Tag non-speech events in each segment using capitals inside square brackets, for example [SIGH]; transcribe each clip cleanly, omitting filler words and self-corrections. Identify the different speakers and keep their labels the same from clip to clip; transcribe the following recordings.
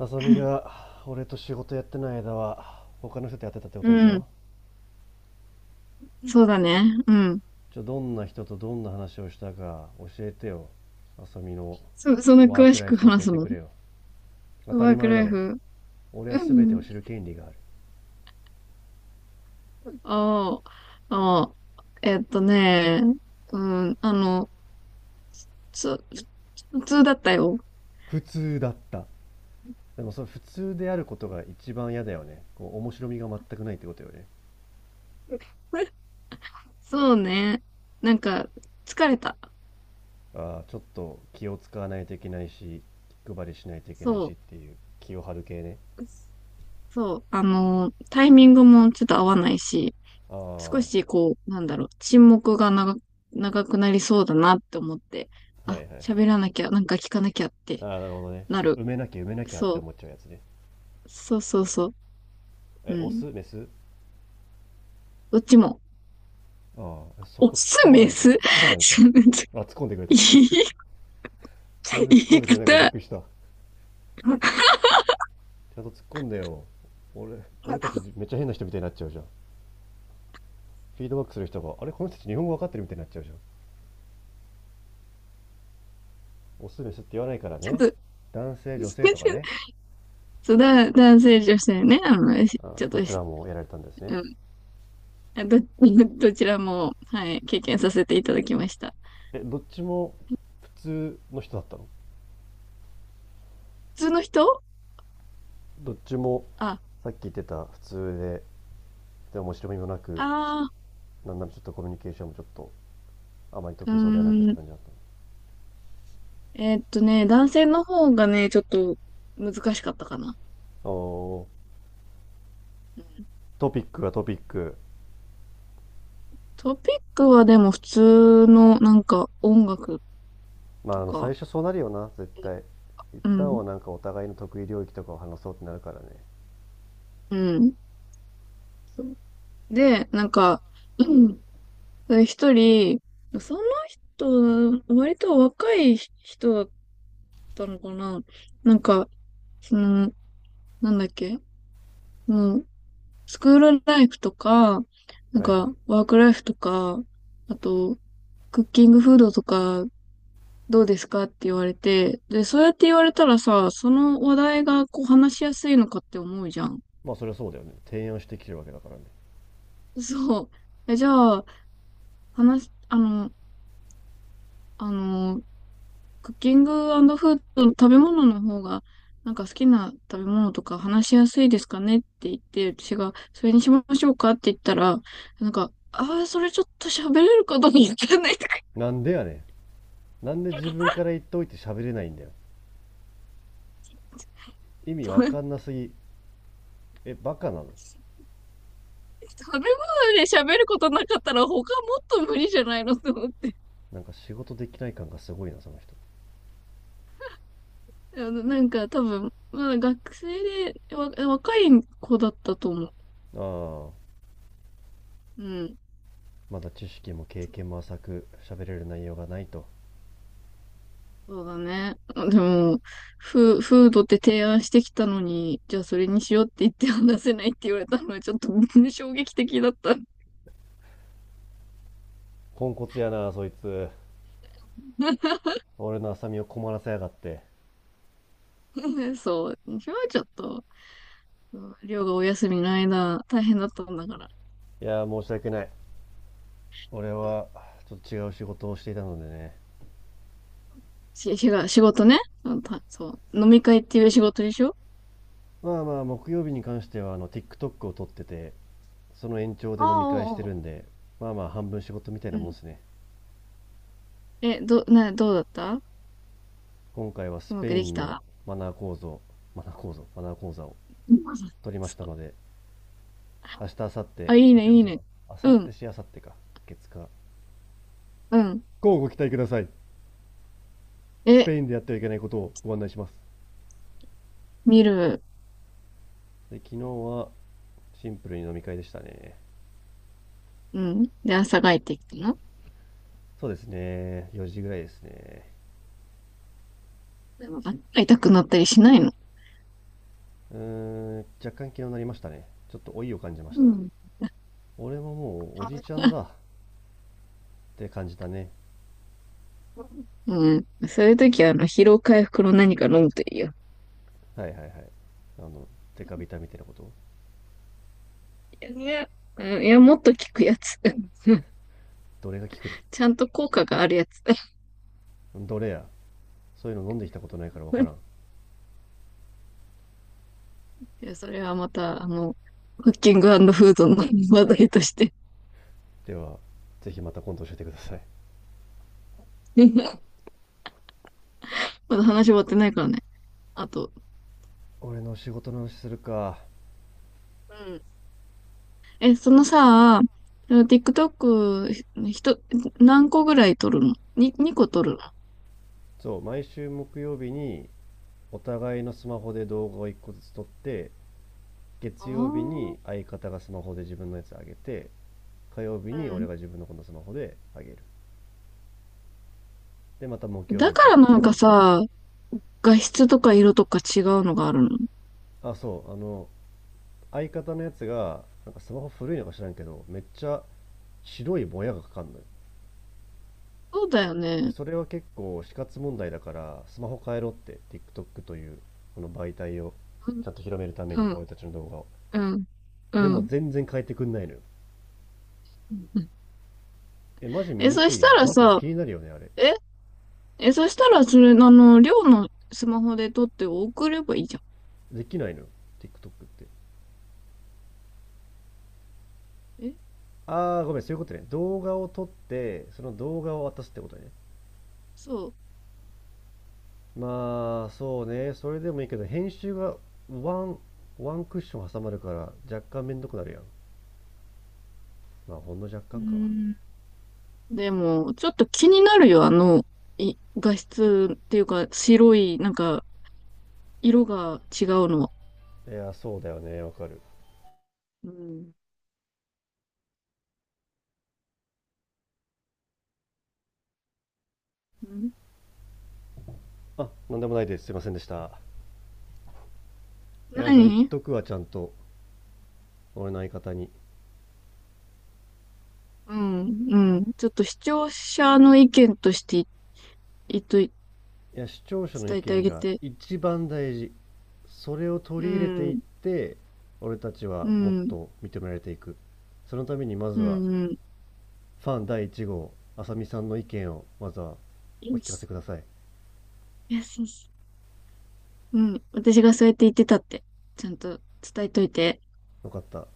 Speaker 1: あさみが俺と仕事やってない間は他の人とやってたってことでし
Speaker 2: うん。
Speaker 1: ょ。
Speaker 2: そうだね。うん。
Speaker 1: じゃあどんな人とどんな話をしたか教えてよ。あさみの
Speaker 2: そんな
Speaker 1: ワー
Speaker 2: 詳
Speaker 1: ク
Speaker 2: し
Speaker 1: ライ
Speaker 2: く
Speaker 1: フ教
Speaker 2: 話
Speaker 1: え
Speaker 2: す
Speaker 1: て
Speaker 2: の？
Speaker 1: くれよ。当た
Speaker 2: ワ
Speaker 1: り
Speaker 2: ーク
Speaker 1: 前だ
Speaker 2: ライ
Speaker 1: ろ。
Speaker 2: フ。
Speaker 1: 俺は
Speaker 2: う
Speaker 1: 全てを
Speaker 2: ん。
Speaker 1: 知る権利がある。
Speaker 2: ああ、ああ、えっとね、うん、つ、普通だったよ。
Speaker 1: 普通だった？でもそれ普通であることが一番嫌だよね。こう面白みが全くないってことよね。
Speaker 2: そうね。なんか、疲れた。
Speaker 1: ああ、ちょっと気を使わないといけないし、気配りしないといけない
Speaker 2: そ
Speaker 1: しっ
Speaker 2: う。
Speaker 1: ていう気を張る系ね。
Speaker 2: そう。あの、タイミングもちょっと合わないし、
Speaker 1: ああ、
Speaker 2: 少
Speaker 1: は
Speaker 2: しこう、なんだろう、沈黙が長くなりそうだなって思って、
Speaker 1: いはいはい。
Speaker 2: 喋らなきゃ、なんか聞かなきゃって
Speaker 1: ああ、なるほどね。ちょっ
Speaker 2: な
Speaker 1: と
Speaker 2: る。
Speaker 1: 埋めなきゃ埋めなきゃって
Speaker 2: そ
Speaker 1: 思っ
Speaker 2: う。
Speaker 1: ちゃうやつね。
Speaker 2: そうそうそう。う
Speaker 1: え、オス
Speaker 2: ん。
Speaker 1: メス？
Speaker 2: どっちも。
Speaker 1: ああ、そ
Speaker 2: オ
Speaker 1: こ突っ込
Speaker 2: ス、
Speaker 1: まな
Speaker 2: メ
Speaker 1: いんかい。
Speaker 2: ス
Speaker 1: 突っ込まないんかい。あ、突っ込んでくれ
Speaker 2: [LAUGHS]
Speaker 1: た。
Speaker 2: 言い、
Speaker 1: [LAUGHS]
Speaker 2: [LAUGHS]
Speaker 1: 全
Speaker 2: 言
Speaker 1: 然突っ込ん
Speaker 2: い
Speaker 1: でくれないからびっ
Speaker 2: 方。
Speaker 1: くりした。ちゃんと突っ込んでよ。俺たちめっちゃ変な人みたいになっちゃうじゃん。フィードバックする人が、あれ、この人たち日本語わかってるみたいになっちゃうじゃん。オスメスって言わないから
Speaker 2: ち
Speaker 1: ね。
Speaker 2: ょっと、
Speaker 1: 男性、女性とかね。
Speaker 2: そう、男性、女性ね。あの、し
Speaker 1: あ
Speaker 2: ち
Speaker 1: あ、
Speaker 2: ょっ
Speaker 1: ど
Speaker 2: と
Speaker 1: ち
Speaker 2: し、
Speaker 1: らもやられたんですね。
Speaker 2: うん。あど、[LAUGHS] どちらも、はい、経験させていただきました。
Speaker 1: え、どっちも普通の人だったの？
Speaker 2: 普通の人。
Speaker 1: どっちも
Speaker 2: あ、
Speaker 1: さっき言ってた普通で、で面白みもなく、
Speaker 2: あ
Speaker 1: なんならちょっとコミュニケーションもちょっとあまり
Speaker 2: う
Speaker 1: 得意そうではなくっ
Speaker 2: ー
Speaker 1: て
Speaker 2: ん。
Speaker 1: 感じだった
Speaker 2: ね、男性の方がね、ちょっと難しかったかな。
Speaker 1: の。おー、
Speaker 2: うん、
Speaker 1: トピックがトピック。
Speaker 2: トピックはでも普通の、なんか、音楽
Speaker 1: ま
Speaker 2: と
Speaker 1: あ、あの最
Speaker 2: か、
Speaker 1: 初そうなるよな、絶対。一
Speaker 2: う
Speaker 1: 旦
Speaker 2: ん。
Speaker 1: はなんかお互いの得意領域とかを話そうってなるからね。
Speaker 2: うん。で、なんか、[CLEARS THROAT] うん、で一人、その人、割と若い人だったのかな。なんか、その、なんだっけ、もう、スクールライフとか、なん
Speaker 1: はいはい。
Speaker 2: か、ワークライフとか、あと、クッキングフードとか、どうですかって言われて、で、そうやって言われたらさ、その話題がこう話しやすいのかって思うじゃん。
Speaker 1: まあ、それはそうだよね。提案してきてるわけだからね。
Speaker 2: そう。え、じゃあ、話、あの、あの、クッキングフード、食べ物の方が、なんか好きな食べ物とか話しやすいですかねって言って、私が、それにしましょうかって言ったら、なんか、ああ、それちょっと喋れるかどうかわかんないとか
Speaker 1: なんでやねん。なんで自分から言っといて喋れないんだよ。意味わ
Speaker 2: 言っ
Speaker 1: かんな
Speaker 2: て、
Speaker 1: すぎ。え、バカなの？
Speaker 2: 食べ物で喋ることなかったら他もっと無理じゃないのと思って。
Speaker 1: なんか仕事できない感がすごいな、その人。
Speaker 2: あの、なんか多分、まだ学生で、若い子だったと思う。
Speaker 1: ああ、
Speaker 2: うん。
Speaker 1: まだ知識も経験も浅く、喋れる内容がないと。
Speaker 2: そうだね。でも、フードって提案してきたのに、じゃあそれにしようって言って話せないって言われたのはちょっと [LAUGHS] 衝撃的だった。
Speaker 1: ポンコツやな、そいつ。
Speaker 2: [LAUGHS]
Speaker 1: 俺の浅見を困らせやがって。
Speaker 2: そう。それはちょっと、うん、りょうがお休みの間、大変だったんだから。
Speaker 1: いやー、申し訳ない。俺
Speaker 2: うん、
Speaker 1: はちょっと違う仕事をしていたのでね。
Speaker 2: し、しが、仕事ね。うん、そう。飲み会っていう仕事でしょ？
Speaker 1: まあまあ木曜日に関してはあの TikTok を撮ってて、その延長
Speaker 2: あ
Speaker 1: で
Speaker 2: あ、
Speaker 1: 飲み
Speaker 2: あ
Speaker 1: 会して
Speaker 2: うおう
Speaker 1: るんで、まあまあ半分仕事みたい
Speaker 2: う
Speaker 1: なもん
Speaker 2: ん。
Speaker 1: ですね。
Speaker 2: え、ど、な、どうだった？
Speaker 1: 今回はス
Speaker 2: うま
Speaker 1: ペ
Speaker 2: く
Speaker 1: イ
Speaker 2: でき
Speaker 1: ンの
Speaker 2: た？
Speaker 1: マナー講座、マナー講座を
Speaker 2: うん。[LAUGHS]
Speaker 1: 取りまし
Speaker 2: そ
Speaker 1: た
Speaker 2: う。
Speaker 1: ので、明日明後日、
Speaker 2: あ、いいね、
Speaker 1: あ違
Speaker 2: い
Speaker 1: う、
Speaker 2: い
Speaker 1: そうだ、
Speaker 2: ね。
Speaker 1: 明後
Speaker 2: う
Speaker 1: 日
Speaker 2: ん、
Speaker 1: し明後日か月火。
Speaker 2: うん。
Speaker 1: こうご期待ください。ス
Speaker 2: え、
Speaker 1: ペインでやってはいけないことをご案内します。
Speaker 2: 見る。
Speaker 1: で昨日はシンプルに飲み会でしたね。
Speaker 2: うん。で、朝帰ってきたの？
Speaker 1: そうですね、4時ぐらいですね。
Speaker 2: でも痛くなったりしないの？
Speaker 1: うーん、若干気になりましたね。ちょっと老いを感じまし
Speaker 2: う
Speaker 1: た。
Speaker 2: ん。
Speaker 1: 俺ももうおじいちゃんだって感じたね。
Speaker 2: うん。そういう時は、あの、疲労回復の何か飲むといいよ。
Speaker 1: はいはいはい。あの、デカビタみたいなこと？
Speaker 2: いや、うん、いや、もっと効くやつ。[LAUGHS]
Speaker 1: どれが効くね
Speaker 2: ちゃんと効果があるやつ。
Speaker 1: どれや。そういうの飲んできたことないからわからん。
Speaker 2: [LAUGHS] いや、それはまた、あの、クッキングフードの話題として。
Speaker 1: では、ぜひまた今度教えてください。
Speaker 2: [LAUGHS] まだ話終わってないからね。あと、
Speaker 1: 俺の仕事の話するか。
Speaker 2: うん。え、そのさ、その TikTok、ひと、何個ぐらい撮るの？ 2、2個撮るの？あ
Speaker 1: そう、毎週木曜日にお互いのスマホで動画を1個ずつ撮って、
Speaker 2: あ
Speaker 1: 月曜日
Speaker 2: ー。
Speaker 1: に相方がスマホで自分のやつあげて、火曜日に俺が
Speaker 2: う
Speaker 1: 自分のこのスマホであげる。で、また木
Speaker 2: ん。
Speaker 1: 曜日
Speaker 2: だ
Speaker 1: に
Speaker 2: か
Speaker 1: 撮っ
Speaker 2: ら
Speaker 1: てっ
Speaker 2: なんか
Speaker 1: ていう。
Speaker 2: さ、画質とか色とか違うのがあるの？
Speaker 1: あ、そう、相方のやつが、なんかスマホ古いのか知らんけど、めっちゃ白いぼやがかかんのよ。
Speaker 2: そうだよ
Speaker 1: で、
Speaker 2: ね。
Speaker 1: それは結構死活問題だから、スマホ変えろって、TikTok という、この媒体を
Speaker 2: うん、
Speaker 1: ちゃんと広めるため
Speaker 2: う
Speaker 1: に、
Speaker 2: ん、
Speaker 1: 俺たちの動画を。
Speaker 2: うん、
Speaker 1: で
Speaker 2: う
Speaker 1: も
Speaker 2: ん。
Speaker 1: 全然変えてくんないのよ。え、マジ見
Speaker 2: え、
Speaker 1: に
Speaker 2: そ
Speaker 1: く
Speaker 2: し
Speaker 1: い
Speaker 2: た
Speaker 1: よね。
Speaker 2: ら
Speaker 1: なんか
Speaker 2: さ、
Speaker 1: 気になるよね、あれ。
Speaker 2: え、そしたらそれ、あの、寮のスマホで撮って送ればいいじゃ
Speaker 1: できないのよ、TikTok って。
Speaker 2: ん。
Speaker 1: あー、ごめん、そういうことね。動画を撮って、その動画を渡すってことね。
Speaker 2: そう。
Speaker 1: まあそうね、それでもいいけど編集がワンワンクッション挟まるから若干めんどくなるやん。まあほんの若
Speaker 2: うー
Speaker 1: 干か。
Speaker 2: ん。でも、ちょっと気になるよ、あの、画質っていうか、白い、なんか、色が違うのは。
Speaker 1: いやそうだよね、わかる。
Speaker 2: うん。うん。
Speaker 1: あ、なんでもないです、すいませんでした。いや、それ言っ
Speaker 2: 何？
Speaker 1: とくわ、ちゃんと。俺の相方に。
Speaker 2: うん、うん。ちょっと視聴者の意見として、い、いと、伝
Speaker 1: いや、視聴者の意
Speaker 2: えてあ
Speaker 1: 見
Speaker 2: げ
Speaker 1: が
Speaker 2: て。
Speaker 1: 一番大事。それを取
Speaker 2: う
Speaker 1: り入れていっ
Speaker 2: ん、
Speaker 1: て俺たちは
Speaker 2: う
Speaker 1: もっ
Speaker 2: ん、
Speaker 1: と認められていく。そのためにま
Speaker 2: う
Speaker 1: ずは
Speaker 2: ん、うん。
Speaker 1: ファン第1号あさみさんの意見をまずはお
Speaker 2: よ
Speaker 1: 聞かせ
Speaker 2: し、
Speaker 1: ください。
Speaker 2: よし、よし。うん、私がそうやって言ってたって、ちゃんと伝えといて。
Speaker 1: よかった。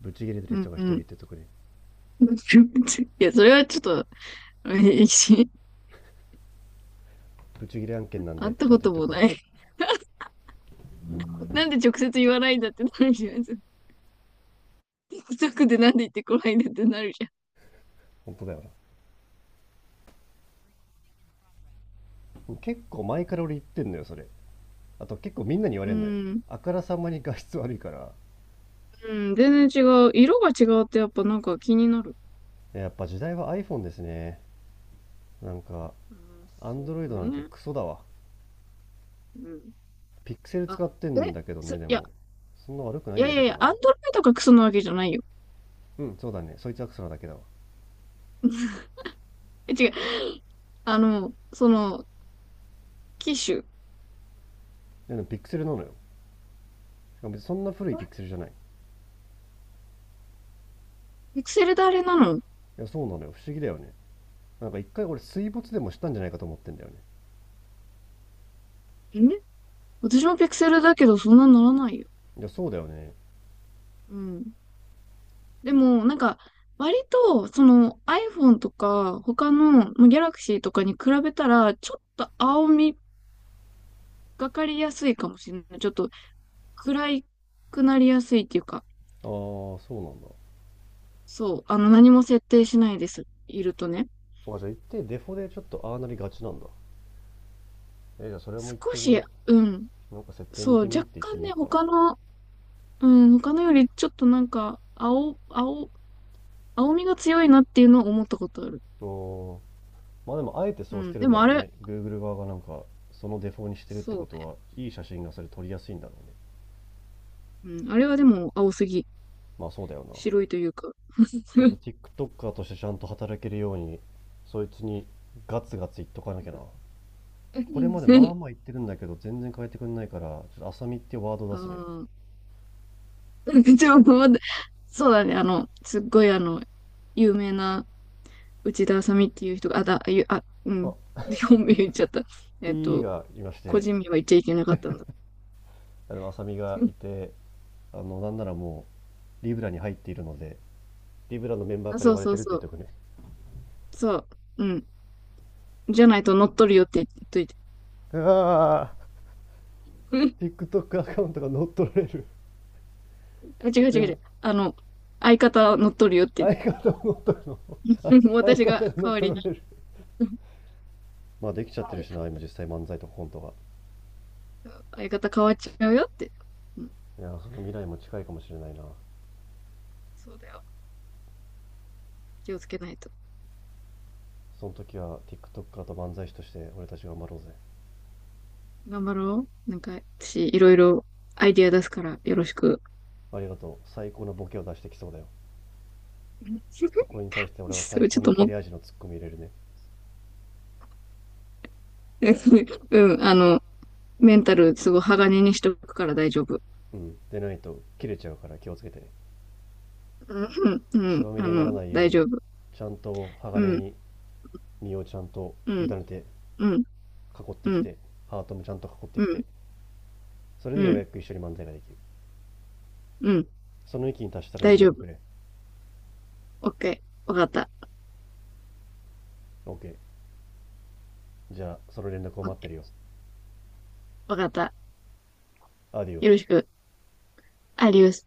Speaker 1: ブチギレてる
Speaker 2: う
Speaker 1: 人
Speaker 2: ん、
Speaker 1: が一
Speaker 2: う
Speaker 1: 人言
Speaker 2: ん。
Speaker 1: ってとくれ。
Speaker 2: [LAUGHS] いや、それはちょっと、えし
Speaker 1: ブチギレ案
Speaker 2: [LAUGHS]
Speaker 1: 件なんで
Speaker 2: 会っ
Speaker 1: って
Speaker 2: た
Speaker 1: ちゃん
Speaker 2: こ
Speaker 1: と言っ
Speaker 2: と
Speaker 1: と
Speaker 2: も
Speaker 1: くわ。
Speaker 2: ない。[LAUGHS] なんで直接言わないんだってなるじゃん。近くでなんで言ってこないんだってなるじゃん。
Speaker 1: 本当だよな。結構前から俺言ってんのよ、それ。あと結構みんなに言わ
Speaker 2: う
Speaker 1: れんのよ。
Speaker 2: ん、
Speaker 1: あからさまに画質悪いから。
Speaker 2: うん、全然違う。色が違うってやっぱなんか気になる。
Speaker 1: やっぱ時代は iPhone ですね。なんか、
Speaker 2: うん、そ
Speaker 1: Android なん
Speaker 2: う
Speaker 1: て
Speaker 2: ね。
Speaker 1: クソだわ。
Speaker 2: うん。
Speaker 1: ピクセル
Speaker 2: あ、
Speaker 1: 使ってん
Speaker 2: え、
Speaker 1: だけどね、で
Speaker 2: いや、
Speaker 1: も。そんな悪くな
Speaker 2: い
Speaker 1: いん
Speaker 2: や
Speaker 1: だ
Speaker 2: い
Speaker 1: け
Speaker 2: やい
Speaker 1: ど
Speaker 2: や、
Speaker 1: な。
Speaker 2: アンドロイドがクソなわけじゃないよ。
Speaker 1: うん、そうだね。そいつはクソなだけだわ。
Speaker 2: え、違う。あの、その、機種。
Speaker 1: でもピクセルなのよ。しかも別にそんな古いピクセルじゃない。い
Speaker 2: ピクセルであれなの？
Speaker 1: や、そうなのよ。不思議だよね。なんか一回俺水没でもしたんじゃないかと思ってんだよね。
Speaker 2: え、私もピクセルだけど、そんなならないよ。
Speaker 1: いや、そうだよね。
Speaker 2: うん。でも、なんか、割と、その iPhone とか、他の、まあ、Galaxy とかに比べたら、ちょっと青みがかりやすいかもしれない。ちょっと暗いくなりやすいっていうか、
Speaker 1: ああ、そうなんだ。
Speaker 2: そう、あの、何も設定しないです。いるとね。
Speaker 1: そうか、じゃあ行ってデフォでちょっとああなりがちなんだ。え、じゃあそれも
Speaker 2: 少
Speaker 1: 行ってみ
Speaker 2: し、
Speaker 1: よ
Speaker 2: うん、
Speaker 1: う。なんか設定
Speaker 2: そ
Speaker 1: 見
Speaker 2: う、
Speaker 1: てみっ
Speaker 2: 若
Speaker 1: て言って
Speaker 2: 干
Speaker 1: みよ
Speaker 2: ね、
Speaker 1: うかな。
Speaker 2: 他の、うん、他のよりちょっとなんか、青みが強いなっていうのは思ったことある。
Speaker 1: おー、まあでもあえて
Speaker 2: う
Speaker 1: そうし
Speaker 2: ん。
Speaker 1: てる
Speaker 2: で
Speaker 1: んだ
Speaker 2: もあ
Speaker 1: ろう
Speaker 2: れ、
Speaker 1: ね。Google 側がなんかそのデフォにしてるって
Speaker 2: そ
Speaker 1: こ
Speaker 2: う
Speaker 1: と
Speaker 2: ね。
Speaker 1: は、いい写真がそれ撮りやすいんだろうね。
Speaker 2: うん。あれはでも青すぎ。
Speaker 1: まあそうだよな。
Speaker 2: 白いというか。
Speaker 1: ちょっと
Speaker 2: [LAUGHS]
Speaker 1: TikToker としてちゃんと働けるように、そいつにガツガツ言っとかなきゃな。これまでま
Speaker 2: ね。
Speaker 1: あまあ言ってるんだけど、全然変えてくんないから、ちょっと浅見っていうワードを
Speaker 2: う
Speaker 1: 出すね。
Speaker 2: ん。[LAUGHS] でもまだそうだね。あの、すっごいあの、有名な内田あさみっていう人が、あ、だ、あゆ、あ、うん。
Speaker 1: あ、
Speaker 2: 本名言っちゃった。えっ
Speaker 1: P
Speaker 2: と、
Speaker 1: がいまし
Speaker 2: 個
Speaker 1: て、
Speaker 2: 人名は言っちゃいけなかったんだ。
Speaker 1: あでも浅見がい
Speaker 2: [LAUGHS]
Speaker 1: て、あのなんならもうリブラに入っているので、リブラのメンバー
Speaker 2: あ、
Speaker 1: から
Speaker 2: そ
Speaker 1: 言
Speaker 2: う
Speaker 1: われ
Speaker 2: そ
Speaker 1: て
Speaker 2: う
Speaker 1: るって言
Speaker 2: そ
Speaker 1: っ
Speaker 2: う。
Speaker 1: ておくね。
Speaker 2: そう。うん。じゃないと乗っ取るよって言っといて。
Speaker 1: ああ、
Speaker 2: [LAUGHS] うん。
Speaker 1: TikTok アカウントが乗っ取られる？
Speaker 2: 違う
Speaker 1: で
Speaker 2: 違う違
Speaker 1: も
Speaker 2: う。あの、相方は乗っ取る
Speaker 1: 相方が
Speaker 2: よって。
Speaker 1: 乗っ取るの？あ
Speaker 2: [LAUGHS]
Speaker 1: [LAUGHS] 相
Speaker 2: 私が
Speaker 1: 方が乗
Speaker 2: 代
Speaker 1: っ
Speaker 2: わ
Speaker 1: 取
Speaker 2: り
Speaker 1: ら
Speaker 2: に。
Speaker 1: れる。まあできちゃって
Speaker 2: は
Speaker 1: る
Speaker 2: い、
Speaker 1: しな、今実際漫才とコントが。
Speaker 2: 相方変わっちゃうよって。うん、
Speaker 1: いや、その未来も近いかもしれないな。
Speaker 2: そうだよ。気をつけないと。
Speaker 1: その時は TikToker と漫才師として俺たち頑張ろうぜ。
Speaker 2: 頑張ろう。なんか、私、いろいろアイディア出すから、よろしく。
Speaker 1: ありがとう、最高のボケを出してきそうだよ。
Speaker 2: うん。 [LAUGHS]
Speaker 1: そこに対して俺は
Speaker 2: そ
Speaker 1: 最
Speaker 2: う、ちょ
Speaker 1: 高
Speaker 2: っ
Speaker 1: の
Speaker 2: と
Speaker 1: 切
Speaker 2: も、
Speaker 1: れ味のツッコミ入れるね。
Speaker 2: [LAUGHS] うん、あの、メンタル、すごい鋼にしとくから大丈夫。
Speaker 1: うんでないと切れちゃうから気をつけてね。
Speaker 2: うん、う
Speaker 1: 血ま
Speaker 2: ん、
Speaker 1: み
Speaker 2: あ
Speaker 1: れになら
Speaker 2: の、
Speaker 1: ないよう
Speaker 2: 大丈
Speaker 1: に
Speaker 2: 夫。
Speaker 1: ちゃんと
Speaker 2: う
Speaker 1: 鋼
Speaker 2: ん、
Speaker 1: に身をちゃんと
Speaker 2: う
Speaker 1: 委
Speaker 2: ん、
Speaker 1: ねて、
Speaker 2: うん、
Speaker 1: 囲って
Speaker 2: う
Speaker 1: き
Speaker 2: ん、
Speaker 1: て、ハートもちゃんと囲って
Speaker 2: う
Speaker 1: きて、
Speaker 2: ん、
Speaker 1: それ
Speaker 2: う
Speaker 1: でよう
Speaker 2: ん、
Speaker 1: やく一緒に漫才ができる。
Speaker 2: うん、
Speaker 1: その域に達したら連
Speaker 2: 大丈
Speaker 1: 絡く
Speaker 2: 夫。
Speaker 1: れ。
Speaker 2: オッケー。わかった。
Speaker 1: OK、 じゃあその連絡を
Speaker 2: オッ
Speaker 1: 待って
Speaker 2: ケ
Speaker 1: るよ。
Speaker 2: ー。わかった。
Speaker 1: アディオ
Speaker 2: よろ
Speaker 1: ス。
Speaker 2: しく。アディオス。